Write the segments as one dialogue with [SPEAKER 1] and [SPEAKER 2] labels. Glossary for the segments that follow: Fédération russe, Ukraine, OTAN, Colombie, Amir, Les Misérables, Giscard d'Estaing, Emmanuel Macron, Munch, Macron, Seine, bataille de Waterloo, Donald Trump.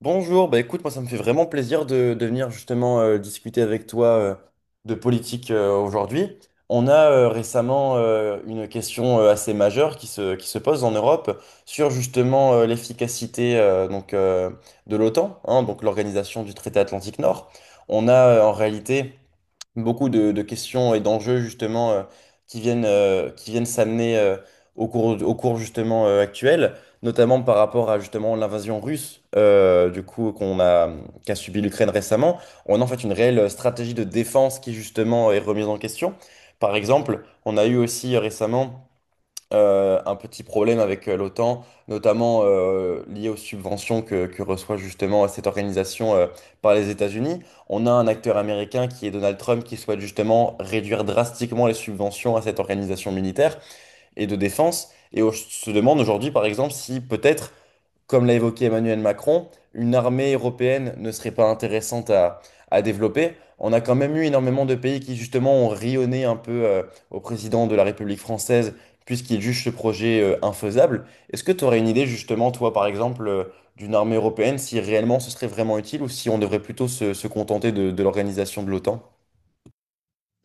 [SPEAKER 1] Bonjour, bah écoute, moi ça me fait vraiment plaisir de venir justement discuter avec toi, de politique aujourd'hui. On a récemment une question assez majeure qui se pose en Europe sur justement l'efficacité de l'OTAN, hein, donc l'organisation du traité Atlantique Nord. On a en réalité beaucoup de questions et d'enjeux justement, qui viennent s'amener au cours justement actuel, notamment par rapport à justement l'invasion russe, qu'a subi l'Ukraine récemment. On a en fait une réelle stratégie de défense qui justement est remise en question. Par exemple, on a eu aussi récemment un petit problème avec l'OTAN, notamment lié aux subventions que reçoit justement cette organisation par les États-Unis. On a un acteur américain qui est Donald Trump qui souhaite justement réduire drastiquement les subventions à cette organisation militaire et de défense. Et on se demande aujourd'hui, par exemple, si peut-être, comme l'a évoqué Emmanuel Macron, une armée européenne ne serait pas intéressante à développer. On a quand même eu énormément de pays qui justement ont rionné un peu, au président de la République française, puisqu'il juge ce projet infaisable. Est-ce que tu aurais une idée justement, toi par exemple, d'une armée européenne, si réellement ce serait vraiment utile ou si on devrait plutôt se contenter de l'organisation de l'OTAN?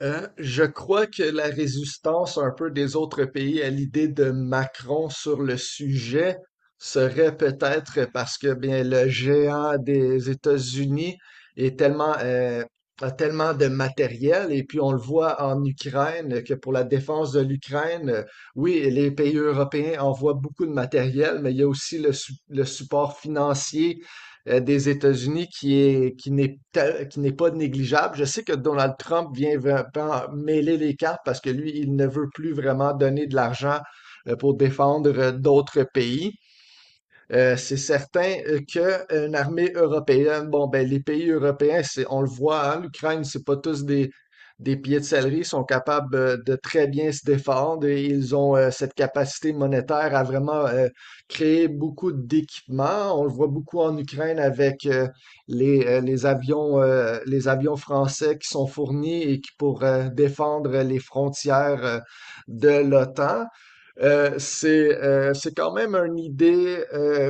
[SPEAKER 2] Je crois que la résistance un peu des autres pays à l'idée de Macron sur le sujet serait peut-être parce que bien le géant des États-Unis est tellement a tellement de matériel et puis on le voit en Ukraine que pour la défense de l'Ukraine, oui, les pays européens envoient beaucoup de matériel, mais il y a aussi le support financier des États-Unis qui est, qui n'est, tel- qui n'est pas négligeable. Je sais que Donald Trump vient vraiment mêler les cartes parce que lui, il ne veut plus vraiment donner de l'argent pour défendre d'autres pays. C'est certain qu'une armée européenne, bon, ben, les pays européens, c'est, on le voit, hein, l'Ukraine, c'est pas tous des pieds de céleri, ils sont capables de très bien se défendre et ils ont cette capacité monétaire à vraiment créer beaucoup d'équipements. On le voit beaucoup en Ukraine avec les avions français qui sont fournis et qui pour défendre les frontières de l'OTAN. C'est quand même une idée,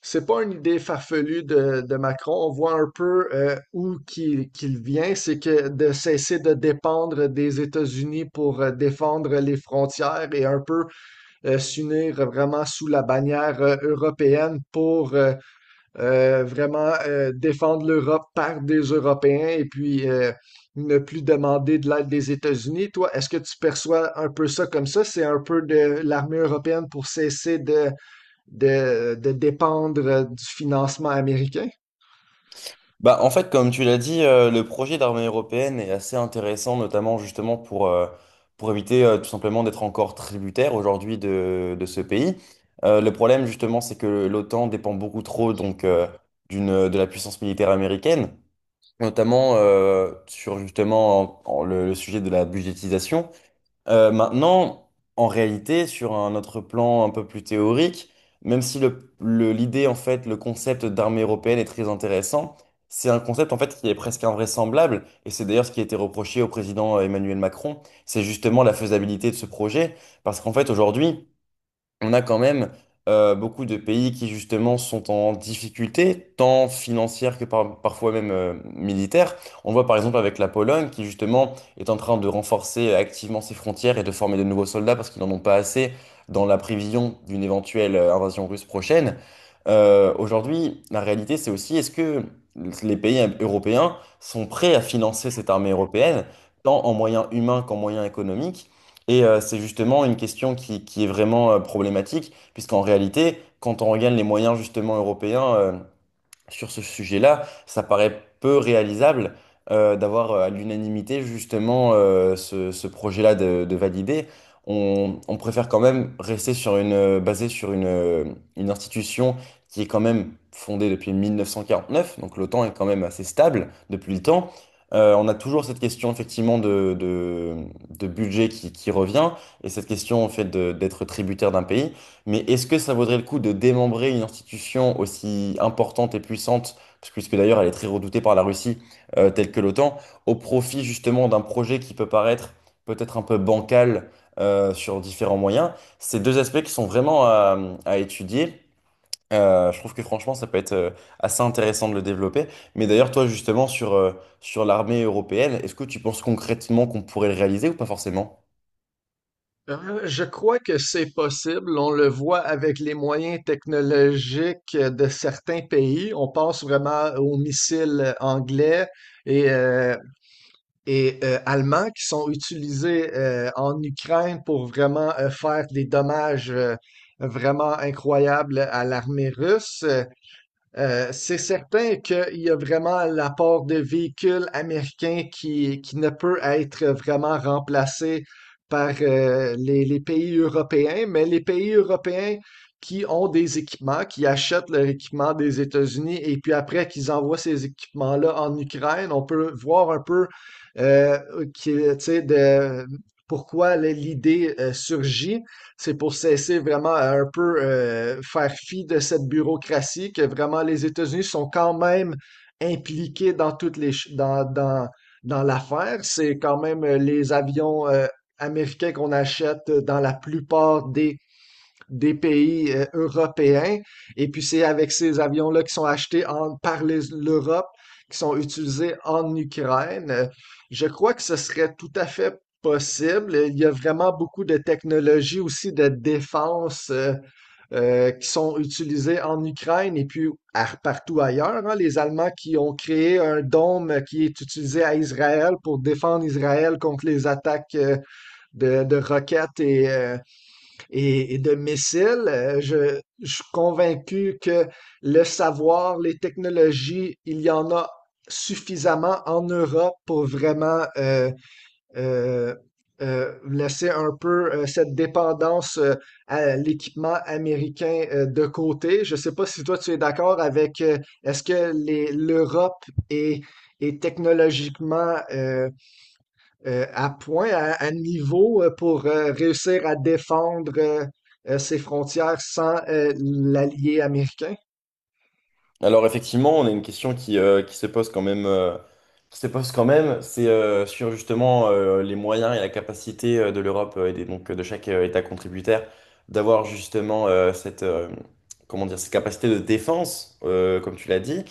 [SPEAKER 2] c'est pas une idée farfelue de Macron. On voit un peu où qu'il vient, c'est que de cesser de dépendre des États-Unis pour défendre les frontières et un peu s'unir vraiment sous la bannière européenne pour vraiment défendre l'Europe par des Européens et puis ne plus demander de l'aide des États-Unis. Toi, est-ce que tu perçois un peu ça comme ça? C'est un peu de l'armée européenne pour cesser de dépendre du financement américain?
[SPEAKER 1] Bah, en fait, comme tu l'as dit, le projet d'armée européenne est assez intéressant, notamment justement pour éviter tout simplement d'être encore tributaire aujourd'hui de ce pays. Le problème justement, c'est que l'OTAN dépend beaucoup trop donc, de la puissance militaire américaine, notamment sur justement en- en le sujet de la budgétisation. Maintenant, en réalité, sur un autre plan un peu plus théorique, même si l'idée, en fait, le concept d'armée européenne est très intéressant, c'est un concept, en fait, qui est presque invraisemblable, et c'est d'ailleurs ce qui a été reproché au président Emmanuel Macron, c'est justement la faisabilité de ce projet, parce qu'en fait, aujourd'hui, on a quand même beaucoup de pays qui justement sont en difficulté, tant financière que parfois même militaire. On voit par exemple avec la Pologne qui justement est en train de renforcer activement ses frontières et de former de nouveaux soldats parce qu'ils n'en ont pas assez dans la prévision d'une éventuelle invasion russe prochaine. Aujourd'hui, la réalité c'est aussi est-ce que les pays européens sont prêts à financer cette armée européenne, tant en moyens humains qu'en moyens économiques? Et c'est justement une question qui est vraiment problématique, puisqu'en réalité, quand on regarde les moyens justement européens, sur ce sujet-là, ça paraît peu réalisable d'avoir à l'unanimité justement, ce projet-là de valider. On préfère quand même rester sur une, basé sur une institution qui est quand même fondée depuis 1949, donc l'OTAN est quand même assez stable depuis le temps. On a toujours cette question effectivement de budget qui revient, et cette question en fait d'être tributaire d'un pays. Mais est-ce que ça vaudrait le coup de démembrer une institution aussi importante et puissante, puisque d'ailleurs elle est très redoutée par la Russie, telle que l'OTAN, au profit justement d'un projet qui peut paraître peut-être un peu bancal, sur différents moyens? Ces deux aspects qui sont vraiment à étudier. Je trouve que franchement ça peut être assez intéressant de le développer. Mais d'ailleurs toi justement sur, sur l'armée européenne, est-ce que tu penses concrètement qu'on pourrait le réaliser ou pas forcément?
[SPEAKER 2] Je crois que c'est possible. On le voit avec les moyens technologiques de certains pays. On pense vraiment aux missiles anglais et euh, et allemands qui sont utilisés en Ukraine pour vraiment faire des dommages vraiment incroyables à l'armée russe. C'est certain qu'il y a vraiment l'apport de véhicules américains qui ne peut être vraiment remplacé par les pays européens, mais les pays européens qui ont des équipements, qui achètent leur équipement des États-Unis et puis après qu'ils envoient ces équipements-là en Ukraine, on peut voir un peu euh, qui, tu sais, de, pourquoi l'idée surgit. C'est pour cesser vraiment à un peu faire fi de cette bureaucratie que vraiment les États-Unis sont quand même impliqués dans toutes les ch- dans, dans, dans l'affaire. C'est quand même les avions américains qu'on achète dans la plupart des pays européens. Et puis c'est avec ces avions-là qui sont achetés par l'Europe, qui sont utilisés en Ukraine. Je crois que ce serait tout à fait possible. Il y a vraiment beaucoup de technologies aussi de défense qui sont utilisées en Ukraine et puis partout ailleurs, hein. Les Allemands qui ont créé un dôme qui est utilisé à Israël pour défendre Israël contre les attaques de roquettes et de missiles. Je suis convaincu que le savoir, les technologies, il y en a suffisamment en Europe pour vraiment euh, laisser un peu cette dépendance à l'équipement américain de côté. Je ne sais pas si toi tu es d'accord avec est-ce que l'Europe est technologiquement à point, à niveau pour réussir à défendre ses frontières sans l'allié américain?
[SPEAKER 1] Alors effectivement, on a une question qui se pose quand même, qui se pose quand même, c'est sur justement les moyens et la capacité de l'Europe et donc de chaque État contributaire d'avoir justement, cette, comment dire, cette capacité de défense, comme tu l'as dit.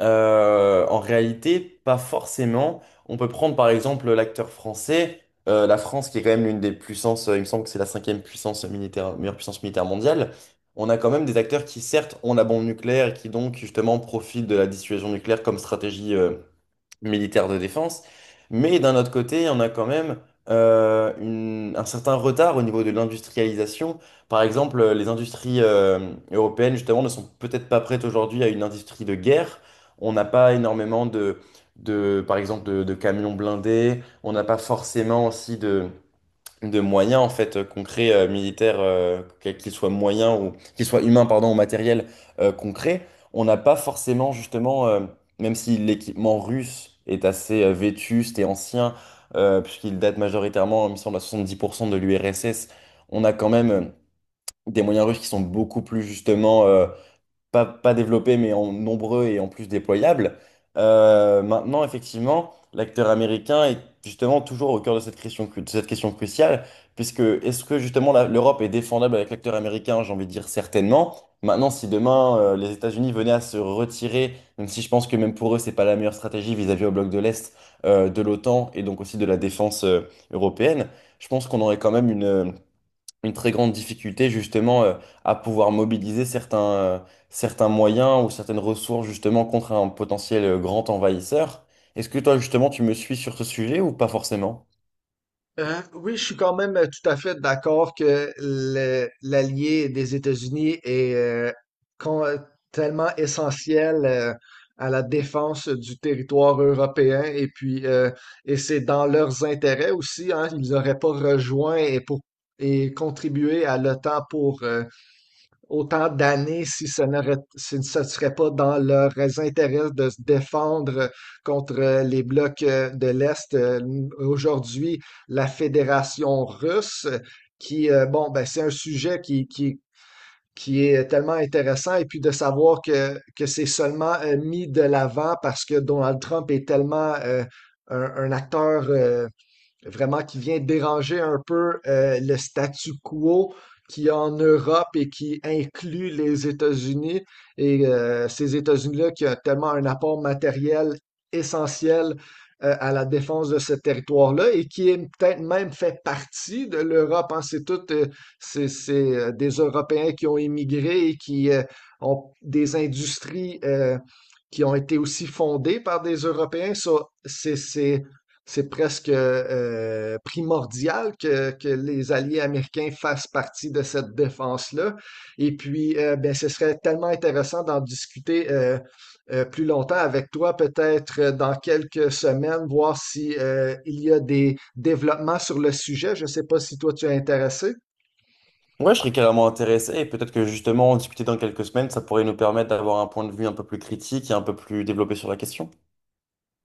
[SPEAKER 1] En réalité, pas forcément. On peut prendre par exemple l'acteur français, la France qui est quand même l'une des puissances, il me semble que c'est la cinquième puissance militaire, meilleure puissance militaire mondiale. On a quand même des acteurs qui certes ont la bombe nucléaire et qui donc justement profitent de la dissuasion nucléaire comme stratégie, militaire de défense. Mais d'un autre côté, on a quand même un certain retard au niveau de l'industrialisation. Par exemple, les industries européennes, justement, ne sont peut-être pas prêtes aujourd'hui à une industrie de guerre. On n'a pas énormément par exemple, de camions blindés. On n'a pas forcément aussi de moyens en fait concrets militaires, qu'ils soient moyens ou qu'ils soient humains pardon ou matériels concrets, on n'a pas forcément justement, même si l'équipement russe est assez vétuste et ancien, puisqu'il date majoritairement il me semble à 70% de l'URSS. On a quand même des moyens russes qui sont beaucoup plus justement, pas développés, mais en nombreux et en plus déployables. Maintenant, effectivement, l'acteur américain est justement toujours au cœur de cette question, de cette question cruciale, puisque est-ce que justement l'Europe est défendable avec l'acteur américain? J'ai envie de dire certainement. Maintenant, si demain les États-Unis venaient à se retirer, même si je pense que même pour eux, c'est pas la meilleure stratégie vis-à-vis au bloc de l'Est, de l'OTAN et donc aussi de la défense européenne, je pense qu'on aurait quand même une très grande difficulté justement, à pouvoir mobiliser certains, certains moyens ou certaines ressources justement contre un potentiel grand envahisseur. Est-ce que toi justement tu me suis sur ce sujet ou pas forcément?
[SPEAKER 2] Oui, je suis quand même tout à fait d'accord que l'allié des États-Unis est con- euh, tellement essentiel à la défense du territoire européen et puis et c'est dans leurs intérêts aussi, hein, ils n'auraient pas rejoint et contribué à l'OTAN pour autant d'années si ce ne serait pas dans leurs intérêts de se défendre contre les blocs de l'Est. Aujourd'hui, la Fédération russe, bon, ben, c'est un sujet qui est tellement intéressant, et puis de savoir que c'est seulement mis de l'avant parce que Donald Trump est tellement un acteur, vraiment qui vient déranger un peu le statu quo qui est en Europe et qui inclut les États-Unis. Et ces États-Unis-là qui ont tellement un apport matériel essentiel à la défense de ce territoire-là et qui est peut-être même fait partie de l'Europe, hein. C'est tout, des Européens qui ont émigré et qui ont des industries qui ont été aussi fondées par des Européens. Ça, c'est, c'est c'est presque primordial les alliés américains fassent partie de cette défense-là. Et puis, ben, ce serait tellement intéressant d'en discuter plus longtemps avec toi, peut-être dans quelques semaines, voir si il y a des développements sur le sujet. Je ne sais pas si toi tu es intéressé.
[SPEAKER 1] Ouais, je serais carrément intéressé et peut-être que justement en discuter dans quelques semaines, ça pourrait nous permettre d'avoir un point de vue un peu plus critique et un peu plus développé sur la question.